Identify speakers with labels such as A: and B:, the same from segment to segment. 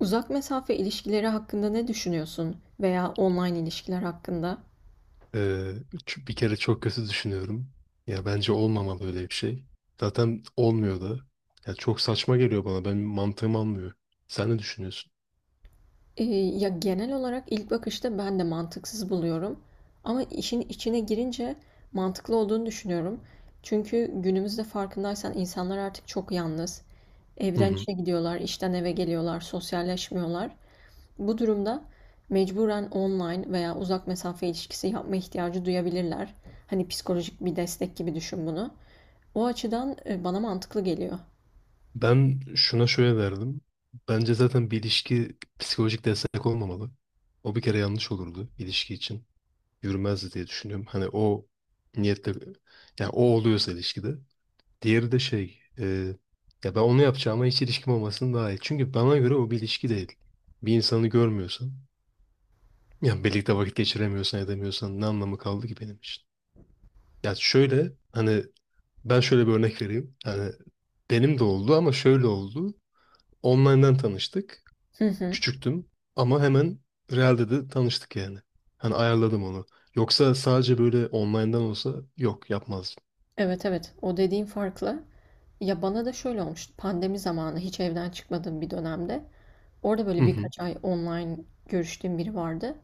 A: Uzak mesafe ilişkileri hakkında ne düşünüyorsun veya online ilişkiler hakkında?
B: Ee, Bir kere çok kötü düşünüyorum. Ya bence olmamalı öyle bir şey. Zaten olmuyor da. Ya çok saçma geliyor bana. Ben mantığım almıyor. Sen ne düşünüyorsun?
A: Ya genel olarak ilk bakışta ben de mantıksız buluyorum. Ama işin içine girince mantıklı olduğunu düşünüyorum. Çünkü günümüzde farkındaysan insanlar artık çok yalnız.
B: Hı
A: Evden
B: hı.
A: işe gidiyorlar, işten eve geliyorlar, sosyalleşmiyorlar. Bu durumda mecburen online veya uzak mesafe ilişkisi yapma ihtiyacı duyabilirler. Hani psikolojik bir destek gibi düşün bunu. O açıdan bana mantıklı geliyor.
B: Ben şuna şöyle derdim. Bence zaten bir ilişki psikolojik destek olmamalı. O bir kere yanlış olurdu ilişki için. Yürümezdi diye düşünüyorum. Hani o niyetle yani o oluyorsa ilişkide. Diğeri de ya ben onu yapacağıma hiç ilişkim olmasın daha iyi. Çünkü bana göre o bir ilişki değil. Bir insanı görmüyorsan yani birlikte vakit geçiremiyorsan edemiyorsan ne anlamı kaldı ki benim için? Ya şöyle hani ben şöyle bir örnek vereyim. Hani benim de oldu ama şöyle oldu. Online'dan tanıştık.
A: Hı hı.
B: Küçüktüm ama hemen realde de tanıştık yani. Hani ayarladım onu. Yoksa sadece böyle online'dan olsa yok yapmazdım.
A: Evet evet, o dediğin farklı. Ya bana da şöyle olmuştu pandemi zamanı hiç evden çıkmadığım bir dönemde. Orada
B: Hı
A: böyle
B: hı.
A: birkaç ay online görüştüğüm biri vardı.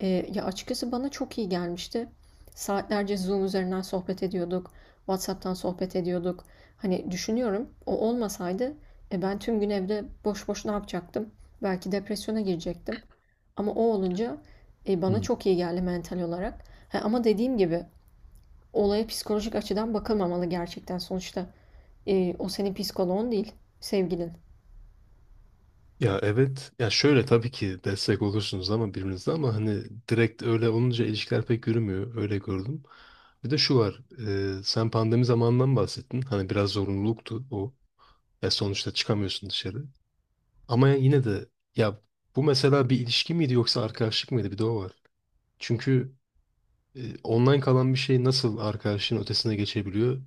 A: Ee, ya açıkçası bana çok iyi gelmişti. Saatlerce Zoom üzerinden sohbet ediyorduk. WhatsApp'tan sohbet ediyorduk. Hani düşünüyorum o olmasaydı ben tüm gün evde boş boş ne yapacaktım? Belki depresyona girecektim. Ama o olunca bana
B: Hı.
A: çok iyi geldi mental olarak. Ha, ama dediğim gibi olaya psikolojik açıdan bakılmamalı gerçekten. Sonuçta o senin psikoloğun değil, sevgilin.
B: Ya evet. Ya şöyle tabii ki destek olursunuz ama birbirinize ama hani direkt öyle olunca ilişkiler pek yürümüyor. Öyle gördüm. Bir de şu var. Sen pandemi zamanından bahsettin. Hani biraz zorunluluktu o. Ya sonuçta çıkamıyorsun dışarı. Ama yine de ya bu mesela bir ilişki miydi yoksa arkadaşlık mıydı? Bir de o var. Çünkü online kalan bir şey nasıl arkadaşlığın ötesine geçebiliyor?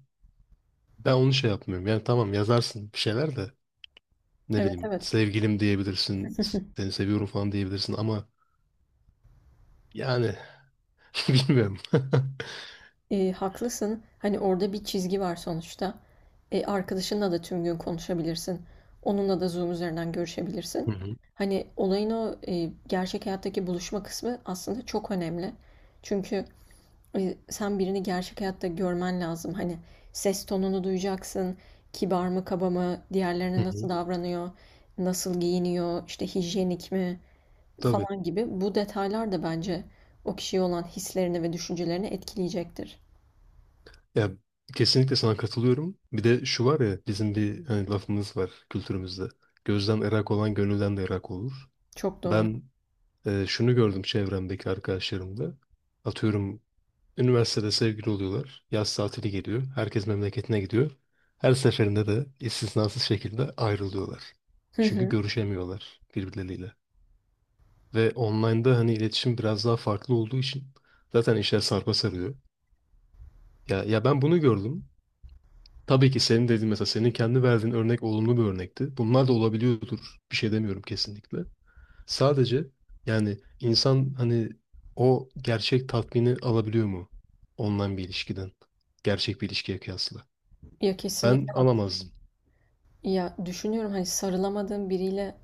B: Ben onu şey yapmıyorum. Yani tamam yazarsın bir şeyler de ne
A: Evet
B: bileyim
A: evet.
B: sevgilim diyebilirsin, seni seviyorum falan diyebilirsin ama yani bilmiyorum.
A: E, haklısın. Hani orada bir çizgi var sonuçta. E, arkadaşınla da tüm gün konuşabilirsin. Onunla da Zoom üzerinden görüşebilirsin.
B: Hı hı,
A: Hani olayın o gerçek hayattaki buluşma kısmı aslında çok önemli. Çünkü sen birini gerçek hayatta görmen lazım. Hani ses tonunu duyacaksın. Kibar mı, kaba mı,
B: hı
A: diğerlerine
B: hı.
A: nasıl davranıyor, nasıl giyiniyor, işte hijyenik mi
B: Tabii.
A: falan gibi. Bu detaylar da bence o kişiye olan hislerini ve düşüncelerini etkileyecektir.
B: Ya kesinlikle sana katılıyorum. Bir de şu var ya bizim bir hani lafımız var kültürümüzde. Gözden ırak olan gönülden de ırak olur.
A: Çok doğru.
B: Ben şunu gördüm çevremdeki arkadaşlarımda. Atıyorum üniversitede sevgili oluyorlar. Yaz tatili geliyor. Herkes memleketine gidiyor. Her seferinde de istisnasız şekilde ayrılıyorlar.
A: Hı
B: Çünkü
A: hı.
B: görüşemiyorlar birbirleriyle. Ve online'da hani iletişim biraz daha farklı olduğu için zaten işler sarpa sarıyor. Ya ben bunu gördüm. Tabii ki senin dediğin mesela senin kendi verdiğin örnek olumlu bir örnekti. Bunlar da olabiliyordur. Bir şey demiyorum kesinlikle. Sadece yani insan hani o gerçek tatmini alabiliyor mu online bir ilişkiden? Gerçek bir ilişkiye kıyasla.
A: Ya
B: Ben
A: kesinlikle haklısın.
B: alamazdım.
A: Ya düşünüyorum hani sarılamadığım biriyle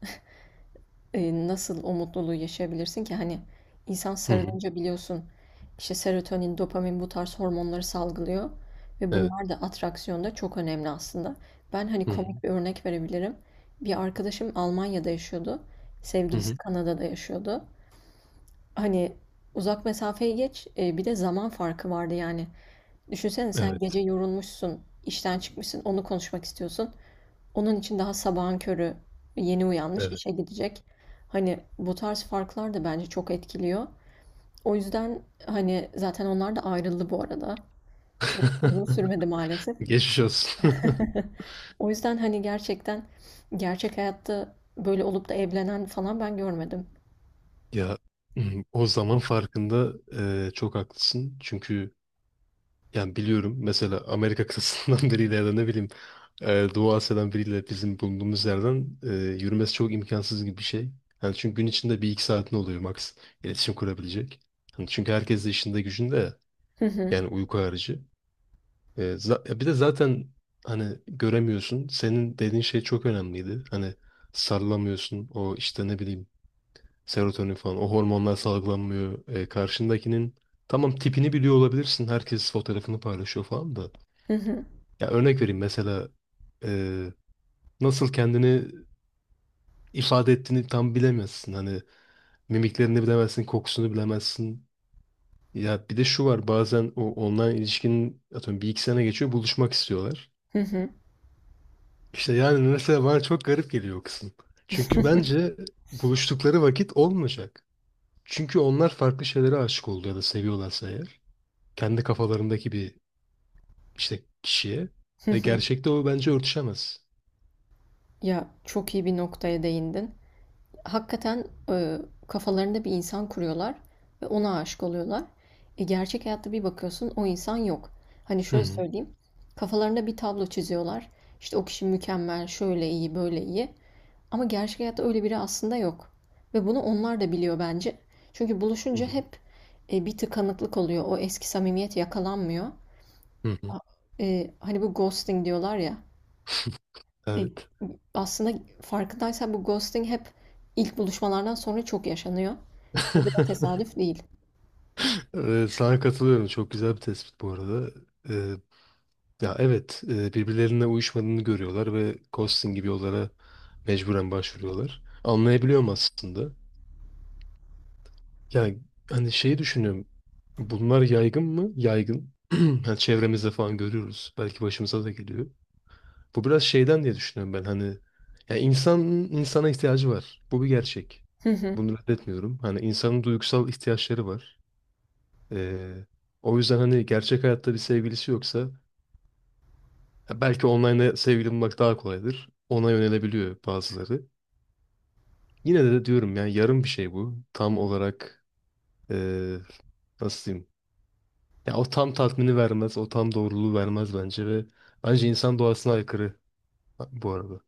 A: nasıl o mutluluğu yaşayabilirsin ki? Hani insan
B: Hı hı.
A: sarılınca biliyorsun işte serotonin, dopamin bu tarz hormonları salgılıyor ve
B: Evet.
A: bunlar da atraksiyonda çok önemli aslında. Ben hani
B: Hı hı.
A: komik bir örnek verebilirim. Bir arkadaşım Almanya'da yaşıyordu.
B: Hı
A: Sevgilisi
B: hı.
A: Kanada'da yaşıyordu. Hani uzak mesafeyi geç, bir de zaman farkı vardı yani. Düşünsene sen gece
B: Evet.
A: yorulmuşsun, işten çıkmışsın, onu konuşmak istiyorsun. Onun için daha sabahın körü yeni uyanmış
B: Evet.
A: işe gidecek. Hani bu tarz farklar da bence çok etkiliyor. O yüzden hani zaten onlar da ayrıldı bu arada. Çok uzun sürmedi maalesef.
B: Geçmiş olsun.
A: O yüzden hani gerçekten gerçek hayatta böyle olup da evlenen falan ben görmedim.
B: Ya o zaman farkında çok haklısın. Çünkü yani biliyorum mesela Amerika kıtasından biriyle ya da ne bileyim Doğu Asya'dan biriyle bizim bulunduğumuz yerden yürümesi çok imkansız gibi bir şey. Yani çünkü gün içinde bir iki saatin oluyor max iletişim kurabilecek. Hani çünkü herkes de işinde gücünde ya.
A: Hı hı,
B: Yani uyku harici. Ya bir de zaten hani göremiyorsun. Senin dediğin şey çok önemliydi. Hani sarılamıyorsun o işte ne bileyim serotonin falan o hormonlar salgılanmıyor. E, karşındakinin tamam tipini biliyor olabilirsin. Herkes fotoğrafını paylaşıyor falan da.
A: hı hı,
B: Ya örnek vereyim mesela e, nasıl kendini ifade ettiğini tam bilemezsin. Hani mimiklerini bilemezsin, kokusunu bilemezsin. Ya bir de şu var bazen o online ilişkinin atıyorum bir iki sene geçiyor buluşmak istiyorlar.
A: hı hı,
B: İşte yani mesela bana çok garip geliyor o kısım. Çünkü bence buluştukları vakit olmayacak. Çünkü onlar farklı şeylere aşık oldu ya da seviyorlarsa eğer kendi kafalarındaki bir işte kişiye
A: hı
B: ve
A: hı.
B: gerçekte o bence örtüşemez.
A: Ya çok iyi bir noktaya değindin. Hakikaten kafalarında bir insan kuruyorlar ve ona aşık oluyorlar. E, gerçek hayatta bir bakıyorsun o insan yok. Hani
B: Hı
A: şöyle
B: hı.
A: söyleyeyim. Kafalarında bir tablo çiziyorlar. İşte o kişi mükemmel, şöyle iyi, böyle iyi. Ama gerçek hayatta öyle biri aslında yok. Ve bunu onlar da biliyor bence. Çünkü
B: Hı
A: buluşunca
B: hı.
A: hep bir tıkanıklık oluyor. O eski samimiyet yakalanmıyor.
B: Hı hı.
A: Hani bu ghosting diyorlar ya. E,
B: Evet.
A: Aslında farkındaysan bu ghosting hep ilk buluşmalardan sonra çok yaşanıyor. Bu da tesadüf değil.
B: Sana katılıyorum. Çok güzel bir tespit bu arada. Ee, Ya evet, birbirlerine uyuşmadığını görüyorlar ve ghosting gibi yollara mecburen başvuruyorlar. Anlayabiliyorum aslında. Yani hani şeyi düşünüyorum. Bunlar yaygın mı? Yaygın. Yani çevremizde falan görüyoruz. Belki başımıza da geliyor. Bu biraz şeyden diye düşünüyorum ben hani ya insan insana ihtiyacı var. Bu bir gerçek.
A: Hı hı.
B: Bunu reddetmiyorum. Hani insanın duygusal ihtiyaçları var. Ee, O yüzden hani gerçek hayatta bir sevgilisi yoksa ya belki online'da sevgili bulmak daha kolaydır. Ona yönelebiliyor bazıları. Yine de diyorum yani yarım bir şey bu. Tam olarak ee, nasıl diyeyim? Ya o tam tatmini vermez, o tam doğruluğu vermez bence ve bence insan doğasına aykırı bu arada.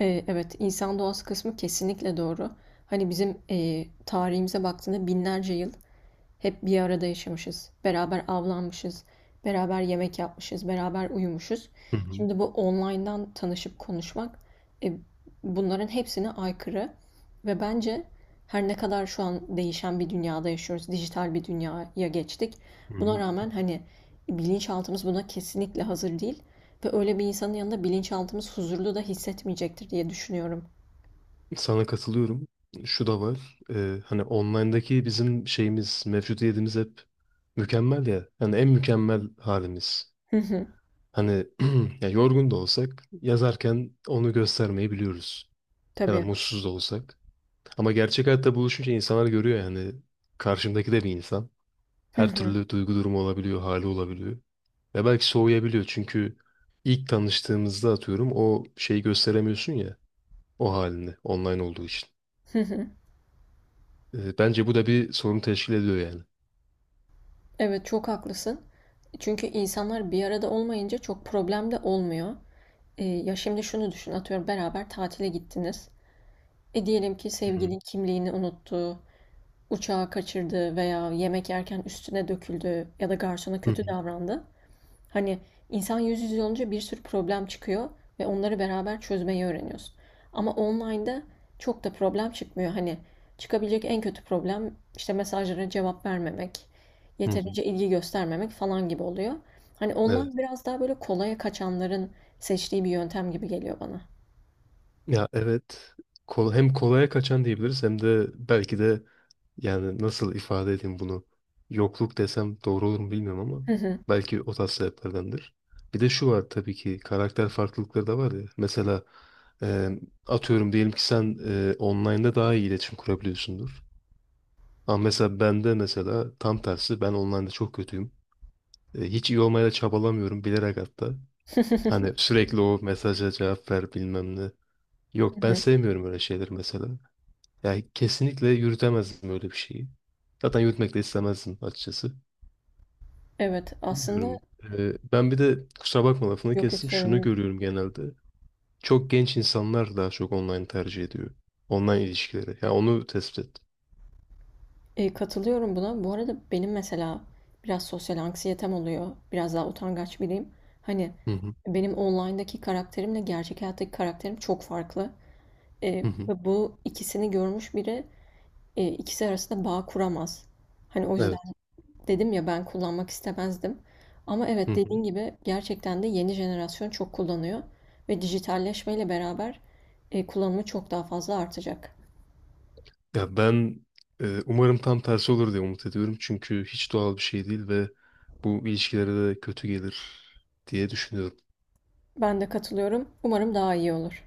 A: E, evet, insan doğası kısmı kesinlikle doğru. Hani bizim tarihimize baktığında binlerce yıl hep bir arada yaşamışız. Beraber avlanmışız. Beraber yemek yapmışız. Beraber uyumuşuz.
B: Hı hı.
A: Şimdi bu online'dan tanışıp konuşmak e, bunların hepsine aykırı ve bence her ne kadar şu an değişen bir dünyada yaşıyoruz, dijital bir dünyaya geçtik.
B: Hı
A: Buna
B: hı.
A: rağmen hani bilinçaltımız buna kesinlikle hazır değil ve öyle bir insanın yanında bilinçaltımız huzurlu da hissetmeyecektir diye düşünüyorum.
B: Sana katılıyorum. Şu da var. Hani online'daki bizim şeyimiz, mevcudiyetimiz hep mükemmel ya. Yani en mükemmel halimiz.
A: Hı hı,
B: Hani ya yorgun da olsak yazarken onu göstermeyi biliyoruz. Ya da
A: tabii.
B: mutsuz da olsak. Ama gerçek hayatta buluşunca insanlar görüyor yani. Karşımdaki de bir insan.
A: Hı
B: Her
A: hı,
B: türlü duygu durumu olabiliyor, hali olabiliyor. Ve belki soğuyabiliyor çünkü ilk tanıştığımızda atıyorum o şeyi gösteremiyorsun ya. O halini online olduğu için.
A: hı hı.
B: E, bence bu da bir sorun teşkil ediyor yani.
A: Evet çok haklısın. Çünkü insanlar bir arada olmayınca çok problem de olmuyor. Ya şimdi şunu düşün, atıyorum beraber tatile gittiniz. E, diyelim ki
B: Hı hı,
A: sevgilin kimliğini unuttu, uçağı kaçırdı veya yemek yerken üstüne döküldü ya da garsona
B: hı
A: kötü
B: hı,
A: davrandı. Hani insan yüz yüze olunca bir sürü problem çıkıyor ve onları beraber çözmeyi öğreniyorsun. Ama online'da çok da problem çıkmıyor. Hani çıkabilecek en kötü problem işte mesajlara cevap vermemek,
B: hı hı.
A: yeterince ilgi göstermemek falan gibi oluyor. Hani
B: Evet.
A: online biraz daha böyle kolaya kaçanların seçtiği bir yöntem gibi geliyor bana.
B: Ya evet. Hem kolaya kaçan diyebiliriz hem de belki de yani nasıl ifade edeyim bunu? Yokluk desem doğru olur mu bilmiyorum ama
A: Hı hı.
B: belki o tarz sebeplerdendir. Bir de şu var tabii ki karakter farklılıkları da var ya. Mesela e, atıyorum diyelim ki sen online'da daha iyi iletişim kurabiliyorsundur. Ama mesela bende mesela tam tersi ben online'da çok kötüyüm. E, hiç iyi olmaya da çabalamıyorum bilerek hatta. Hani sürekli o mesaja cevap ver bilmem ne.
A: Hı
B: Yok ben
A: hı.
B: sevmiyorum öyle şeyleri mesela. Yani kesinlikle yürütemezdim öyle bir şeyi. Zaten yürütmek de istemezdim açıkçası.
A: Evet, aslında
B: Bilmiyorum. Ben bir de kusura bakma lafını
A: yok yok,
B: kestim.
A: sorun
B: Şunu
A: değil.
B: görüyorum genelde. Çok genç insanlar daha çok online tercih ediyor. Online ilişkileri. Yani onu tespit ettim.
A: E, katılıyorum buna. Bu arada benim mesela biraz sosyal anksiyetem oluyor. Biraz daha utangaç biriyim. Hani
B: Hı hı.
A: benim online'daki karakterimle gerçek hayattaki karakterim çok farklı. E,
B: Hı hı.
A: ve bu ikisini görmüş biri ikisi arasında bağ kuramaz. Hani o yüzden
B: Evet.
A: dedim ya ben kullanmak istemezdim. Ama
B: Hı
A: evet
B: hı.
A: dediğin gibi gerçekten de yeni jenerasyon çok kullanıyor. Ve dijitalleşmeyle beraber kullanımı çok daha fazla artacak.
B: Ya ben umarım tam tersi olur diye umut ediyorum. Çünkü hiç doğal bir şey değil ve bu ilişkilere de kötü gelir diye düşünüyorum.
A: Ben de katılıyorum. Umarım daha iyi olur.